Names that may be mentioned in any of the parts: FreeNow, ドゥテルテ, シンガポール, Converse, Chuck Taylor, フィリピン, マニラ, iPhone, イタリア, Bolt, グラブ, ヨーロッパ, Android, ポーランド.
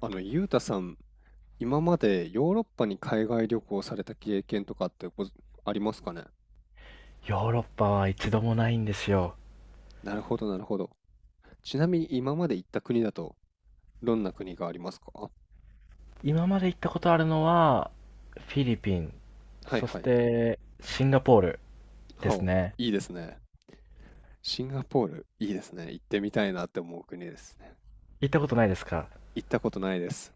ゆうたさん、今までヨーロッパに海外旅行された経験とかってありますかね？ヨーロッパは一度もないんですよ。なるほど、なるほど。ちなみに今まで行った国だと、どんな国がありますか？今まで行ったことあるのは、フィリピン、はいそしはい。てシンガポールですほね。う、いいですね。シンガポール、いいですね。行ってみたいなって思う国ですね。行ったことないですか？行ったことないです。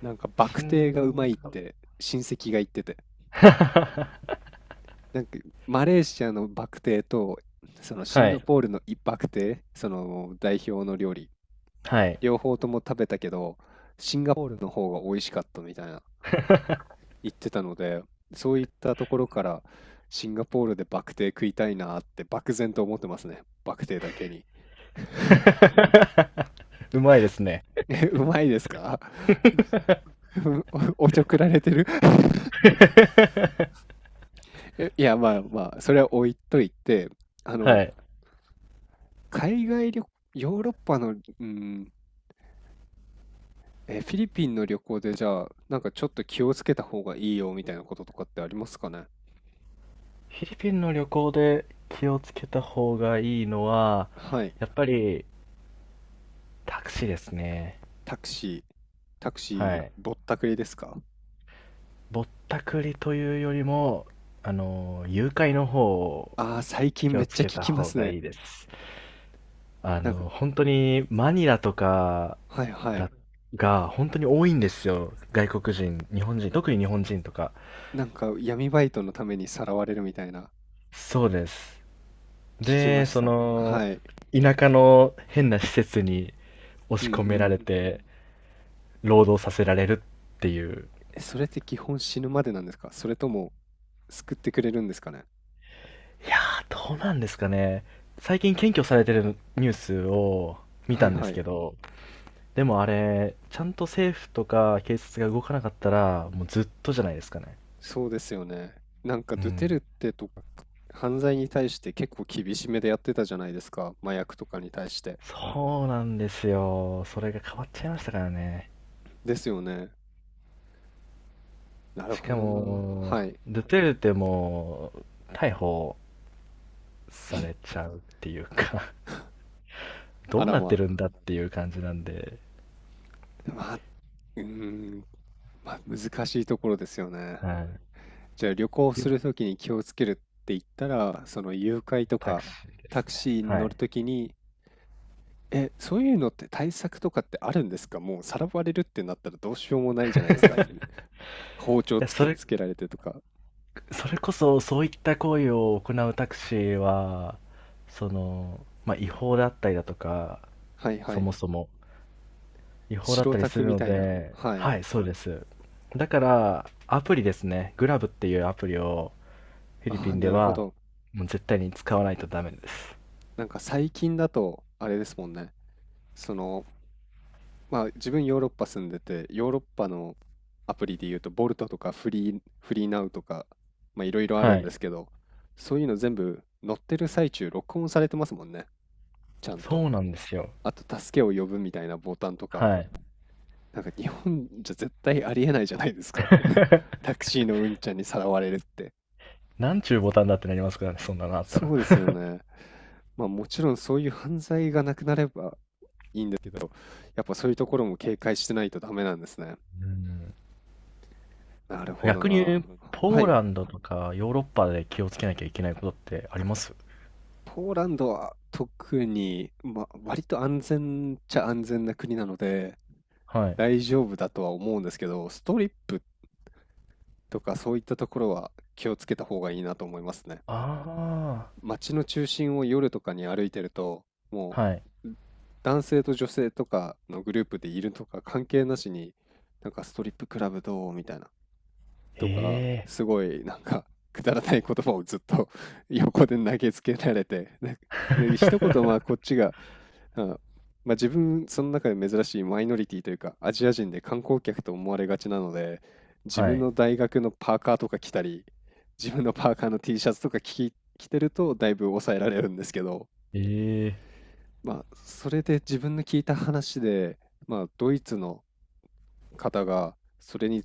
なんか、バシクテーがうまンいっガ て、親戚が言ってて。なんか、マレーシアのバクテーと、そのシンはガい、ポールのバクテー、その代表の料理、はい。両方とも食べたけど、シンガポールの方が美味しかったみたいな言ってたので、そういったところからシンガポールでバクテー食いたいなって漠然と思ってますね。バクテーだけに。うまいですね。え、うまいですか？ おちょくられてる いや、まあまあ、それは置いといて、あはの、い。海外旅、ヨーロッパの、フィリピンの旅行でじゃあ、なんかちょっと気をつけた方がいいよみたいなこととかってありますかね？フィリピンの旅行で気をつけた方がいいのは、はい。やっぱりタクシーですね。タクシー、タクはシーい。ぼったくりですか？ぼったくりというよりも、誘拐の方をああー、最近気めをっつちゃけ聞たきま方すがね。いいです。なんか、本当にマニラとかはいはい。だ、が本当に多いんですよ。外国人、日本人、特に日本人とか。なんか闇バイトのためにさらわれるみたいな、そうです。聞きまで、した。はい。田舎の変な施設に押うしんう込めらん。れて、労働させられるっていう。それって基本死ぬまでなんですか？それとも救ってくれるんですかね？いやー、どうなんですかね。最近検挙されてるニュースを見はたいんではすい。けど、でもあれ、ちゃんと政府とか警察が動かなかったら、もうずっとじゃないですかね。そうですよね。なんかうドゥテん。ルテとか犯罪に対して結構厳しめでやってたじゃないですか。麻薬とかに対して。そうなんですよ。それが変わっちゃいましたからね。ですよね。なるしほかどな。も、はい。ドゥテルテも逮捕されちゃうっていうか あどうらなっまてるあ。んだっていう感じなんで、まあ、うーん、まあ、難しいところですよね。はい。じゃあ旅行するときに気をつけるって言ったら、その誘拐とタクシかーでタすクね。シーには乗るい。ときに、そういうのって対策とかってあるんですか？もうさらわれるってなったらどうしようもないじゃないですか。い包丁や、突そきれ、つけられてとか。それこそそういった行為を行うタクシーは、その、まあ、違法だったりだとか、はいはそい。もそも、違法だっ白たりタすクるみのたいな。で、はい。はい、そうです。だから、アプリですね。グラブっていうアプリをフィリあピあ、ンでなるほは、ど。もう絶対に使わないとダメです。なんか最近だと、あれですもんね。その、まあ自分ヨーロッパ住んでて、ヨーロッパのアプリで言うと、ボルトとかフリーナウとか、まあいろいろあるはんでい。すけど、そういうの全部乗ってる最中録音されてますもんね。ちゃんと。そうなんですよ。あと助けを呼ぶみたいなボタンとか、はい。なんか日本じゃ絶対ありえないじゃないですか。タ クシーのうんちゃんにさらわれるって。なんちゅうボタンだってなりますからね、そんなのあったら。そうですよね。まあもちろんそういう犯罪がなくなれば、やっぱそういうところも警戒してないとダメなんですね。うん。なるほど逆に、な。はポーい。ランドとかヨーロッパで気をつけなきゃいけないことってあります？ポーランドは特に、まあ、割と安全っちゃ安全な国なので、はい。大丈夫だとは思うんですけど、ストリップとかそういったところは気をつけた方がいいなと思いますね。あ街の中心を夜とかに歩いてると、もあ、はい。う、男性と女性とかのグループでいるとか関係なしに、なんかストリップクラブどうみたいな、えとか、え すごいなんか、くだらない言葉をずっと 横で投げつけられて、で一言まあこっ ちが、あまあ、自分、その中で珍しいマイノリティというか、アジア人で観光客と思われがちなので、自は分い。の大学のパーカーとか着たり、自分のパーカーの T シャツとか着てると、だいぶ抑えられるんですけど、ええまあ、それで自分の聞いた話で、まあ、ドイツの方がそれに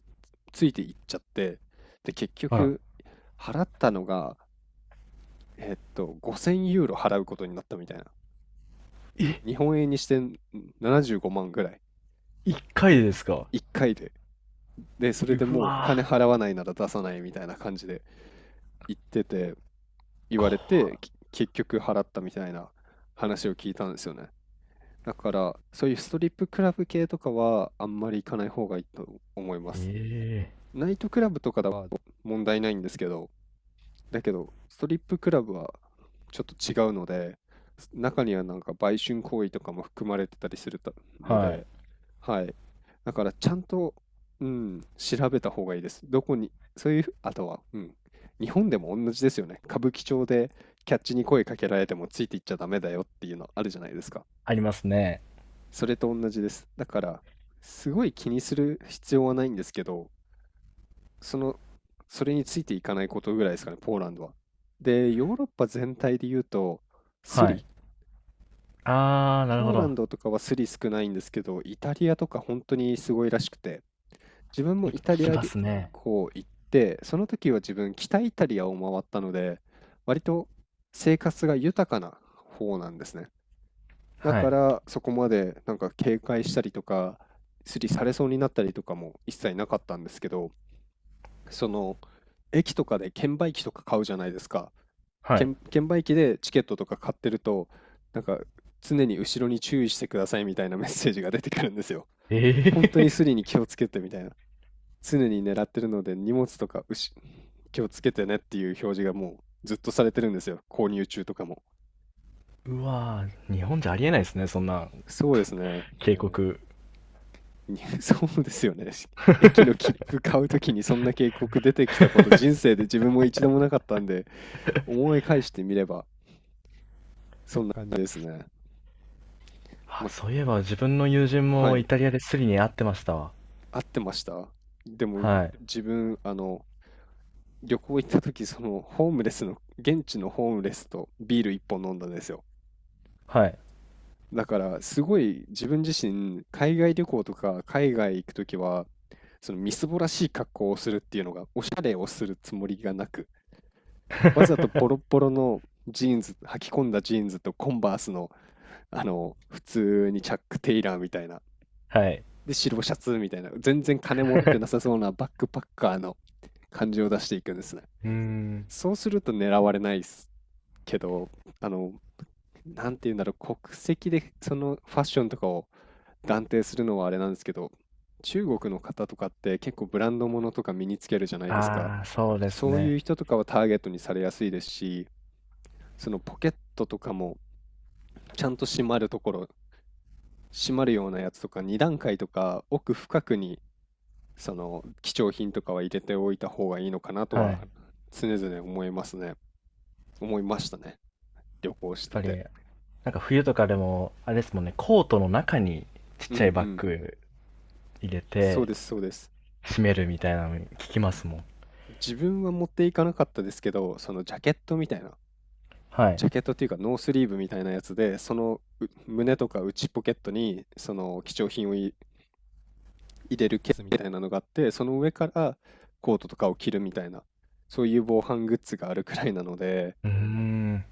ついていっちゃって、で、結あら、局払ったのが、5000ユーロ払うことになったみたいな。え、日本円にしてななじゅうごまん75万ぐらい。一回ででですか？1回で。で、それうでもう金わ払わないなら出さないみたいな感じで言ってて、ー言わ怖れて、っ結局払ったみたいな話を聞いたんですよね。だから、そういうストリップクラブ系とかはあんまり行かない方がいいと思います。ええナイトクラブとかだは問題ないんですけど、だけど、ストリップクラブはちょっと違うので、中にはなんか売春行為とかも含まれてたりするたのはで、い。はい。だからちゃんと、うん、調べた方がいいです。どこに、そういうあとは、うん、日本でも同じですよね。歌舞伎町でキャッチに声かけられてもついていっちゃダメだよっていうのあるじゃないですか。ありますね。それと同じです。だから、すごい気にする必要はないんですけど、その、それについていかないことぐらいですかね、ポーランドは。で、ヨーロッパ全体で言うと、スはい。リ、あー、なるポほーラど。ンドとかはスリ少ないんですけど、イタリアとか本当にすごいらしくて、自分もいイタ聞リきアま旅すね。行行って、その時は自分、北イタリアを回ったので、割と生活が豊かな方なんですね。だはかい。ら、そこまでなんか警戒したりとか、スリされそうになったりとかも一切なかったんですけど、その駅とかで券売機とか買うじゃないですか。はい。券売機でチケットとか買ってると、なんか常に後ろに注意してくださいみたいなメッセージが出てくるんですよ。え本当にえ スリに気をつけてみたいな。常に狙ってるので荷物とか気をつけてねっていう表示がもうずっとされてるんですよ。購入中とかも。うわー日本じゃありえないですね、そんなそうですね。警告。そうですよね。駅の 切符買うときにそんな警告出てきたこと人生で自分も一度もなかったんで、思い返してみればそんな感じですね。あ、ま、そういえば自分の友人はもイい、タリアでスリに会ってましたわ。合ってました。でも、はい。自分、旅行行った時、その、ホームレスの、現地のホームレスとビール一本飲んだんですよ。はい。だから、すごい自分自身、海外旅行とか海外行く時は、そのみすぼらしい格好をするっていうのが、おしゃれをするつもりがなく、わざとボロッ ボロのジーンズ、履き込んだジーンズとコンバースの、普通にチャック・テイラーみたいな、はい。で、白シャツみたいな、全然金持ってなさ そうなバックパッカーの感じを出していくんですね。うーん。そうすると狙われないですけど、あの、なんて言うんだろう、国籍でそのファッションとかを断定するのはあれなんですけど、中国の方とかって結構ブランド物とか身につけるじゃないですか。あー、そうですそういうね。人とかはターゲットにされやすいですし、そのポケットとかもちゃんと閉まるところ、閉まるようなやつとか2段階とか奥深くにその貴重品とかは入れておいた方がいいのかなとはい。やはっ常々思いますね。思いましたね。旅行してぱり、て。なんか冬とかでも、あれですもんね、コートの中にちっうんちうゃいバッん。グ入れそうて、です、そうです。閉めるみたいなの聞きますもん。自分は持っていかなかったですけど、そのジャケットみたいな、はい。ジャケットっていうかノースリーブみたいなやつで、そのう胸とか内ポケットにその貴重品を入れるケースみたいなのがあって、その上からコートとかを着るみたいな、そういう防犯グッズがあるくらいなので、うーん。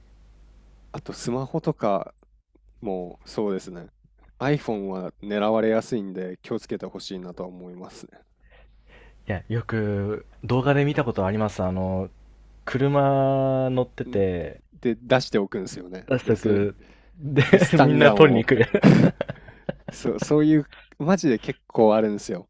あとスマホとかもうそうですね。iPhone は狙われやすいんで気をつけてほしいなとは思いますいや、よく動画で見たことあります。車乗ってね。んて、で、出しておくんですよね。出しで、とそれ、く。で、で、ス タみンんガなン取りにを 来る。そう、そういう、マジで結構あるんですよ。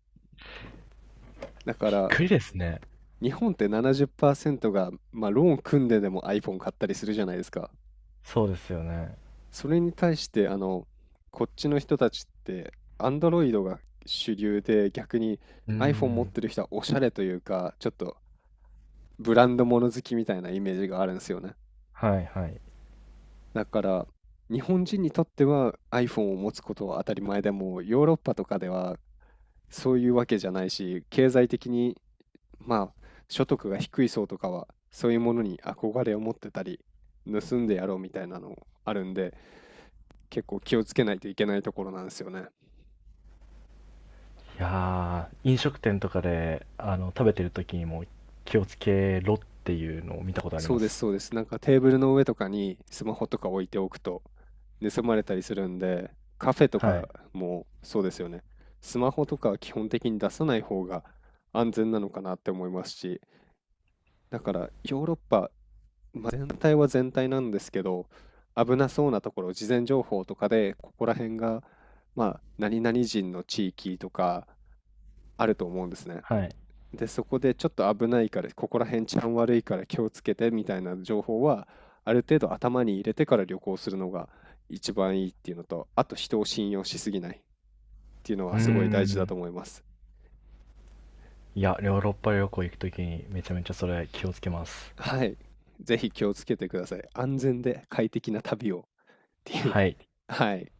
だ かびっら、くりですね。日本って70%が、まあ、ローン組んででも iPhone 買ったりするじゃないですか。そうですよね。それに対して、こっちの人たちって、Android が主流で、逆に うー iPhone 持っん。てる人はおしゃれというか、ちょっとブランド物好きみたいなイメージがあるんですよね。はいはい。いだから、日本人にとっては iPhone を持つことは当たり前でも、ヨーロッパとかではそういうわけじゃないし、経済的に、まあ、所得が低い層とかは、そういうものに憧れを持ってたり、盗んでやろうみたいなのあるんで、結構気をつけないといけないところなんですよね。やー、飲食店とかで、食べてる時にも気をつけろっていうのを見たことありそまうです、す。そうです。なんかテーブルの上とかにスマホとか置いておくと盗まれたりするんで、カフェとはかい。もそうですよね。スマホとかは基本的に出さない方が安全なのかなって思いますし、だからヨーロッパ、まあ、全体は全体なんですけど、危なそうなところ、事前情報とかで、ここら辺が、まあ、何々人の地域とかあると思うんですね。はい。で、そこでちょっと危ないから、ここら辺治安悪いから気をつけてみたいな情報は、ある程度頭に入れてから旅行するのが一番いいっていうのと、あと人を信用しすぎないっていうのうーはすごい大事だん。と思います。いや、ヨーロッパ旅行行くときにめちゃめちゃそれ気をつけます。はい。ぜひ気をつけてください。安全で快適な旅をっていう。はい。はい。